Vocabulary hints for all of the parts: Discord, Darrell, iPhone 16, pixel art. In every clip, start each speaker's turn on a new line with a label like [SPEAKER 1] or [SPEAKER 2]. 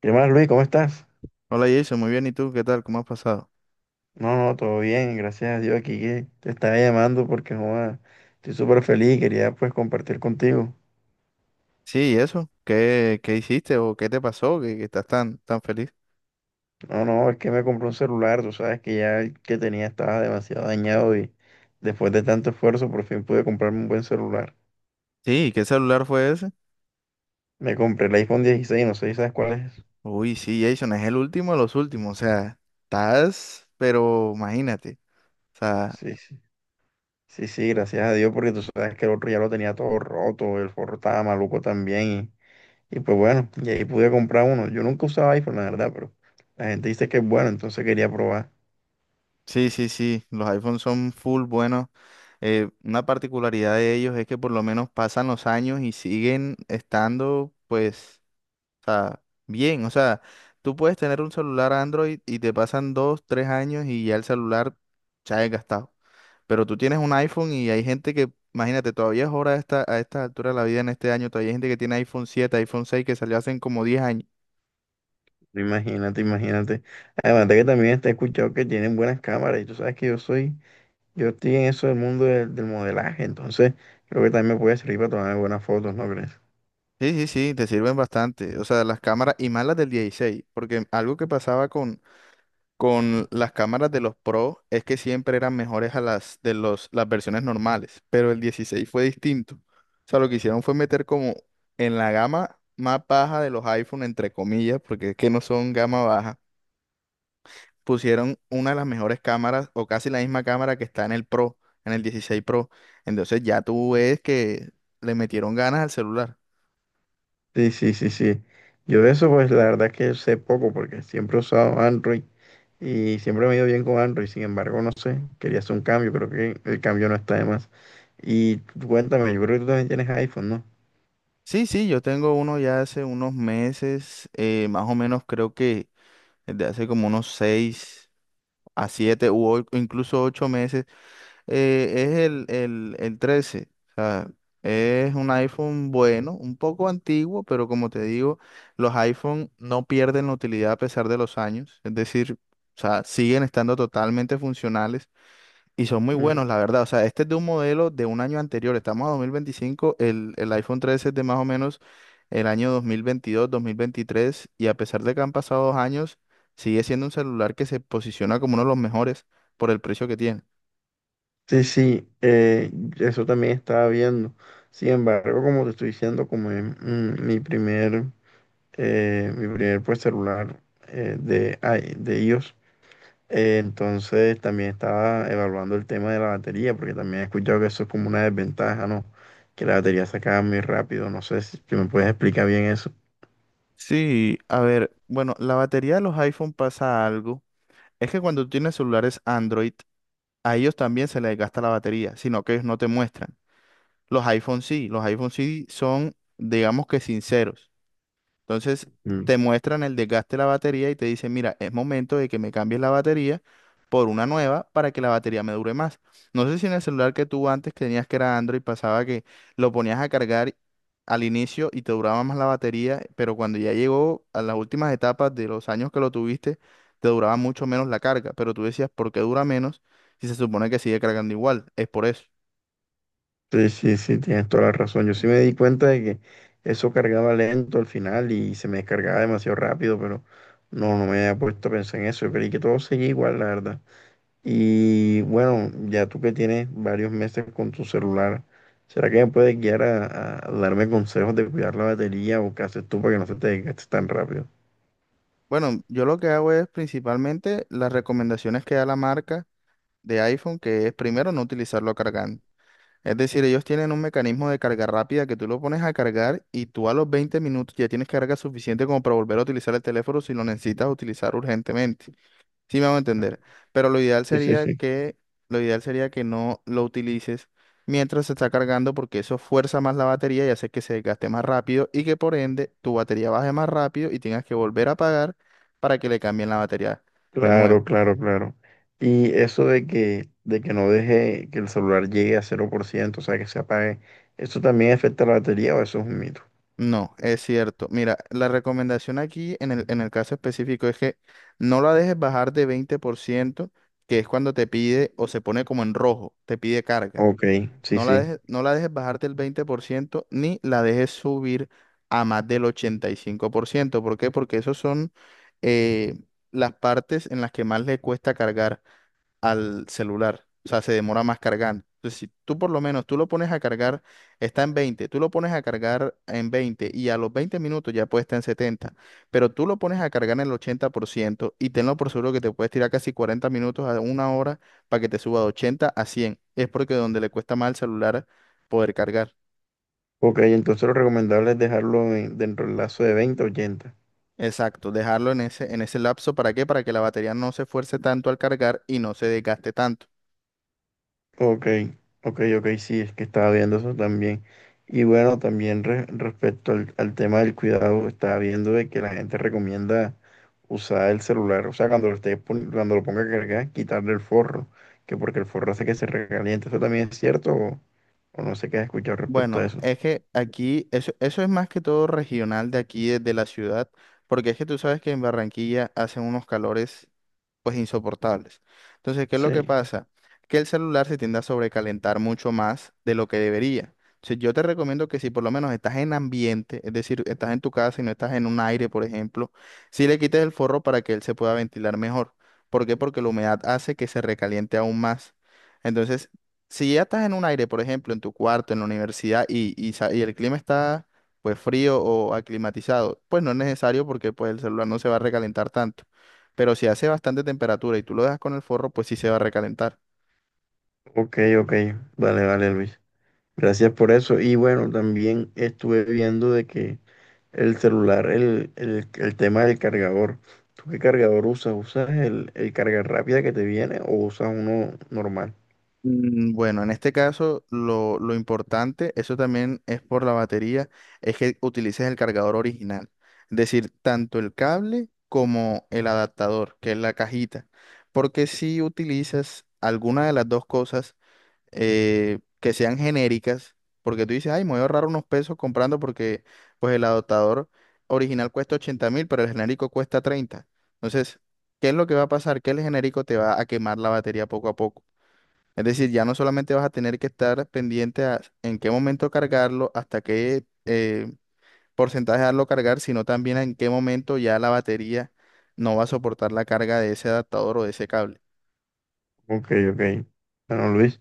[SPEAKER 1] ¿Qué más, Luis? ¿Cómo estás?
[SPEAKER 2] Hola Jason, muy bien. ¿Y tú qué tal? ¿Cómo has pasado?
[SPEAKER 1] No, no, todo bien, gracias a Dios aquí que te estaba llamando porque joda, estoy súper feliz, quería pues compartir contigo.
[SPEAKER 2] Sí, ¿y eso? ¿Qué hiciste o qué te pasó que estás tan, tan feliz?
[SPEAKER 1] No, no, es que me compré un celular, tú sabes que ya el que tenía estaba demasiado dañado y después de tanto esfuerzo por fin pude comprarme un buen celular.
[SPEAKER 2] Sí, ¿qué celular fue ese?
[SPEAKER 1] Me compré el iPhone 16, no sé si sabes cuál es.
[SPEAKER 2] Uy, sí, Jason, es el último de los últimos. O sea, estás, pero imagínate. O sea,
[SPEAKER 1] Sí, sí, sí, sí, gracias a Dios porque tú sabes que el otro ya lo tenía todo roto, el forro estaba maluco también. Y pues bueno, y ahí pude comprar uno. Yo nunca usaba iPhone, la verdad, pero la gente dice que es bueno, entonces quería probar.
[SPEAKER 2] sí, sí, sí, los iPhones son full buenos. Una particularidad de ellos es que por lo menos pasan los años y siguen estando, pues, o sea, bien. O sea, tú puedes tener un celular Android y te pasan dos, tres años y ya el celular se ha desgastado. Pero tú tienes un iPhone y hay gente que, imagínate, todavía es hora a esta, altura de la vida en este año, todavía hay gente que tiene iPhone 7 iPhone 6 que salió hace como 10 años.
[SPEAKER 1] Imagínate, imagínate. Además de que también te he escuchado que tienen buenas cámaras y tú sabes que yo soy, yo estoy en eso del mundo del modelaje, entonces creo que también me puede servir para tomar buenas fotos, ¿no crees?
[SPEAKER 2] Sí, sí, sí, te sirven bastante. O sea, las cámaras y más las del 16, porque algo que pasaba con las cámaras de los Pro es que siempre eran mejores a las de las versiones normales, pero el 16 fue distinto. O sea, lo que hicieron fue meter como en la gama más baja de los iPhone, entre comillas, porque es que no son gama baja, pusieron una de las mejores cámaras, o casi la misma cámara que está en el Pro, en el 16 Pro. Entonces ya tú ves que le metieron ganas al celular.
[SPEAKER 1] Sí, sí, sí, sí. Yo de eso, pues la verdad es que sé poco porque siempre he usado Android y siempre me he ido bien con Android. Sin embargo, no sé, quería hacer un cambio, creo que el cambio no está de más. Y tú cuéntame, yo creo que tú también tienes iPhone, ¿no?
[SPEAKER 2] Sí, sí, yo tengo uno ya hace unos meses. Más o menos creo que desde hace como unos 6 a 7 incluso 8 meses. Es el 13. O sea, es un iPhone bueno, un poco antiguo, pero como te digo, los iPhone no pierden la utilidad a pesar de los años. Es decir, o sea, siguen estando totalmente funcionales y son muy buenos, la
[SPEAKER 1] Mm.
[SPEAKER 2] verdad. O sea, este es de un modelo de un año anterior. Estamos a 2025. El iPhone 13 es de más o menos el año 2022, 2023. Y a pesar de que han pasado 2 años, sigue siendo un celular que se posiciona como uno de los mejores por el precio que tiene.
[SPEAKER 1] Sí, sí, eso también estaba viendo. Sin embargo, como te estoy diciendo, como es mi primer pues, celular de iOS, entonces también estaba evaluando el tema de la batería, porque también he escuchado que eso es como una desventaja, ¿no? Que la batería se acaba muy rápido. No sé si me puedes explicar bien eso.
[SPEAKER 2] Sí, a ver, bueno, la batería de los iPhone pasa algo. Es que cuando tú tienes celulares Android, a ellos también se les gasta la batería, sino que ellos no te muestran. Los iPhone sí son, digamos, que sinceros. Entonces te muestran el desgaste de la batería y te dicen, mira, es momento de que me cambies la batería por una nueva para que la batería me dure más. No sé si en el celular que tú antes que tenías, que era Android, pasaba que lo ponías a cargar al inicio y te duraba más la batería, pero cuando ya llegó a las últimas etapas de los años que lo tuviste, te duraba mucho menos la carga, pero tú decías, ¿por qué dura menos si se supone que sigue cargando igual? Es por eso.
[SPEAKER 1] Sí, sí, sí, tienes toda la razón. Yo sí me di cuenta de que eso cargaba lento al final y se me descargaba demasiado rápido, pero no, no me había puesto a pensar en eso. Yo creí que todo seguía igual, la verdad. Y bueno, ya tú que tienes varios meses con tu celular, ¿será que me puedes guiar a darme consejos de cuidar la batería o qué haces tú para que no se te desgaste tan rápido?
[SPEAKER 2] Bueno, yo lo que hago es principalmente las recomendaciones que da la marca de iPhone, que es primero no utilizarlo cargando. Es decir, ellos tienen un mecanismo de carga rápida que tú lo pones a cargar y tú a los 20 minutos ya tienes carga suficiente como para volver a utilizar el teléfono si lo necesitas utilizar urgentemente. Sí me van a entender. Pero
[SPEAKER 1] Sí, sí, sí.
[SPEAKER 2] lo ideal sería que no lo utilices mientras se está cargando, porque eso fuerza más la batería y hace que se desgaste más rápido y que por ende tu batería baje más rápido y tengas que volver a apagar para que le cambien la batería de nuevo.
[SPEAKER 1] Claro, claro, claro. Y eso de que no deje que el celular llegue a cero por ciento, o sea, que se apague, ¿eso también afecta la batería o eso es un mito?
[SPEAKER 2] No, es cierto. Mira, la recomendación aquí en el caso específico es que no la dejes bajar de 20%, que es cuando te pide, o se pone como en rojo, te pide carga.
[SPEAKER 1] Ok, sí,
[SPEAKER 2] No la
[SPEAKER 1] sí.
[SPEAKER 2] dejes, no la dejes bajarte el ciento, ni la dejes subir a más del 85%. Por ciento. ¿Por qué? Porque esos son, eh, las partes en las que más le cuesta cargar al celular. O sea, se demora más cargando. Entonces, si tú por lo menos, tú lo pones a cargar, está en 20, tú lo pones a cargar en 20 y a los 20 minutos ya puede estar en 70, pero tú lo pones a cargar en el 80% y tenlo por seguro que te puedes tirar casi 40 minutos a una hora para que te suba de 80 a 100. Es porque donde le cuesta más al celular poder cargar.
[SPEAKER 1] Ok, entonces lo recomendable es dejarlo dentro del lazo de 20 a 80.
[SPEAKER 2] Exacto, dejarlo en ese lapso, ¿para qué? Para que la batería no se esfuerce tanto al cargar y no se desgaste tanto.
[SPEAKER 1] Ok, ok, ok, sí, es que estaba viendo eso también. Y bueno, también respecto al, al tema del cuidado, estaba viendo de que la gente recomienda usar el celular, o sea, cuando lo ponga a cargar, quitarle el forro, que porque el forro hace que se recaliente. ¿Eso también es cierto o no sé qué has escuchado respecto a
[SPEAKER 2] Bueno,
[SPEAKER 1] eso?
[SPEAKER 2] es que aquí, eso es más que todo regional de aquí, de la ciudad, porque es que tú sabes que en Barranquilla hacen unos calores pues insoportables. Entonces, ¿qué es
[SPEAKER 1] Sí,
[SPEAKER 2] lo que pasa? Que el celular se tiende a sobrecalentar mucho más de lo que debería. Entonces, yo te recomiendo que si por lo menos estás en ambiente, es decir, estás en tu casa y no estás en un aire, por ejemplo, si le quites el forro para que él se pueda ventilar mejor. ¿Por qué? Porque la humedad hace que se recaliente aún más. Entonces, si ya estás en un aire, por ejemplo, en tu cuarto, en la universidad, y el clima está pues frío o aclimatizado, pues no es necesario porque pues el celular no se va a recalentar tanto, pero si hace bastante temperatura y tú lo dejas con el forro, pues sí se va a recalentar.
[SPEAKER 1] ok, ok, vale, vale, Luis. Gracias por eso. Y bueno, también estuve viendo de que el celular, el tema del cargador. ¿Tú qué cargador usas? ¿Usas el carga rápida que te viene o usas uno normal?
[SPEAKER 2] Bueno, en este caso lo importante, eso también es por la batería, es que utilices el cargador original, es decir, tanto el cable como el adaptador, que es la cajita, porque si utilizas alguna de las dos cosas, que sean genéricas, porque tú dices, ay, me voy a ahorrar unos pesos comprando, porque pues el adaptador original cuesta 80 mil, pero el genérico cuesta 30. Entonces, ¿qué es lo que va a pasar? Que el genérico te va a quemar la batería poco a poco. Es decir, ya no solamente vas a tener que estar pendiente a en qué momento cargarlo, hasta qué porcentaje darlo cargar, sino también en qué momento ya la batería no va a soportar la carga de ese adaptador o de ese cable.
[SPEAKER 1] Ok, ok. Bueno, Luis.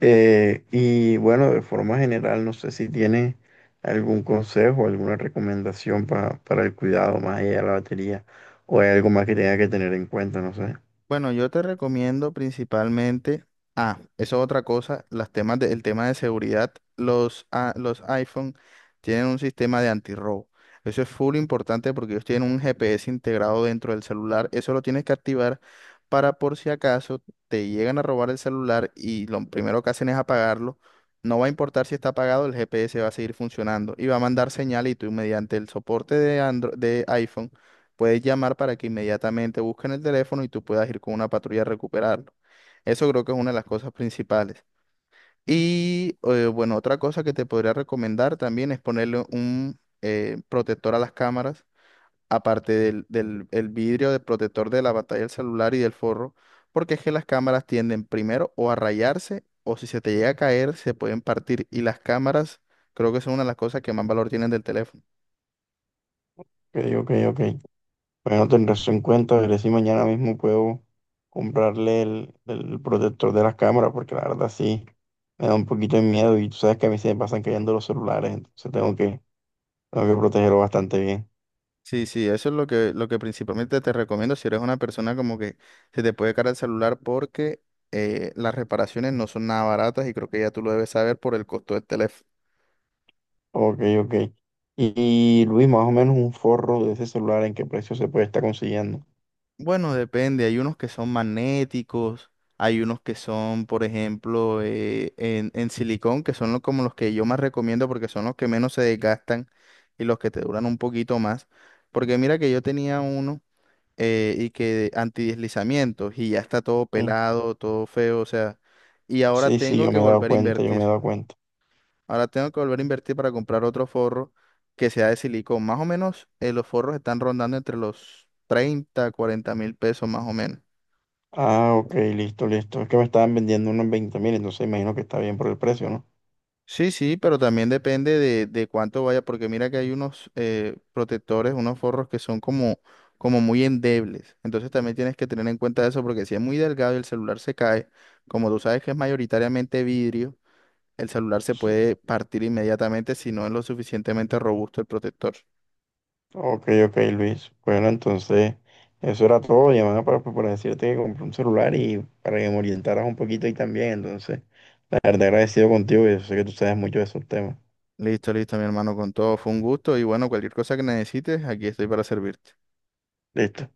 [SPEAKER 1] Y bueno, de forma general, no sé si tienes algún consejo, alguna recomendación para el cuidado más allá de la batería o hay algo más que tenga que tener en cuenta, no sé.
[SPEAKER 2] Bueno, yo te recomiendo principalmente, ah, eso es otra cosa, el tema de seguridad. Los iPhone tienen un sistema de antirrobo. Eso es full importante porque ellos tienen un GPS integrado dentro del celular. Eso lo tienes que activar para, por si acaso te llegan a robar el celular y lo primero que hacen es apagarlo, no va a importar si está apagado, el GPS va a seguir funcionando y va a mandar señal, y tú mediante el soporte de de iPhone puedes llamar para que inmediatamente busquen el teléfono y tú puedas ir con una patrulla a recuperarlo. Eso creo que es una de las cosas principales. Y bueno, otra cosa que te podría recomendar también es ponerle un protector a las cámaras, aparte del, del el vidrio de protector de la pantalla del celular y del forro, porque es que las cámaras tienden primero o a rayarse o si se te llega a caer se pueden partir, y las cámaras creo que son una de las cosas que más valor tienen del teléfono.
[SPEAKER 1] Ok, ok, ok. Bueno, tendré eso en cuenta, veré si mañana mismo puedo comprarle el protector de las cámaras, porque la verdad sí me da un poquito de miedo y tú sabes que a mí se me pasan cayendo los celulares, entonces tengo que protegerlo bastante bien.
[SPEAKER 2] Sí, sí, eso es lo que principalmente te recomiendo si eres una persona como que se te puede caer el celular, porque las reparaciones no son nada baratas y creo que ya tú lo debes saber por el costo del teléfono.
[SPEAKER 1] Ok, ok. Y, y, Luis, más o menos un forro de ese celular, ¿en qué precio se puede estar consiguiendo?
[SPEAKER 2] Bueno, depende, hay unos que son magnéticos, hay unos que son, por ejemplo, en silicón, que son como los que yo más recomiendo porque son los que menos se desgastan y los que te duran un poquito más. Porque mira que yo tenía uno. Y que antideslizamientos, y ya está todo
[SPEAKER 1] Mm.
[SPEAKER 2] pelado, todo feo, o sea, y ahora
[SPEAKER 1] Sí, sí,
[SPEAKER 2] tengo
[SPEAKER 1] yo
[SPEAKER 2] que
[SPEAKER 1] me he dado
[SPEAKER 2] volver a
[SPEAKER 1] cuenta, yo me
[SPEAKER 2] invertir.
[SPEAKER 1] he dado cuenta.
[SPEAKER 2] Ahora tengo que volver a invertir para comprar otro forro que sea de silicón. Más o menos, los forros están rondando entre los 30-40 mil pesos, más o menos.
[SPEAKER 1] Ah, ok, listo, listo. Es que me estaban vendiendo unos 20.000, entonces imagino que está bien por el precio, ¿no?
[SPEAKER 2] Sí, sí, pero también depende de cuánto vaya, porque mira que hay unos protectores, unos forros que son como muy endebles. Entonces también tienes que tener en cuenta eso, porque si es muy delgado y el celular se cae, como tú sabes que es mayoritariamente vidrio, el celular se
[SPEAKER 1] Sí.
[SPEAKER 2] puede partir inmediatamente si no es lo suficientemente robusto el protector.
[SPEAKER 1] Ok, ok, Luis. Bueno, entonces, eso era todo. Llamaba para, pues, para decirte que compré un celular y para que me orientaras un poquito ahí también. Entonces, la verdad agradecido contigo y yo sé que tú sabes mucho de esos temas.
[SPEAKER 2] Listo, listo, mi hermano, con todo fue un gusto y bueno, cualquier cosa que necesites, aquí estoy para servirte.
[SPEAKER 1] Listo.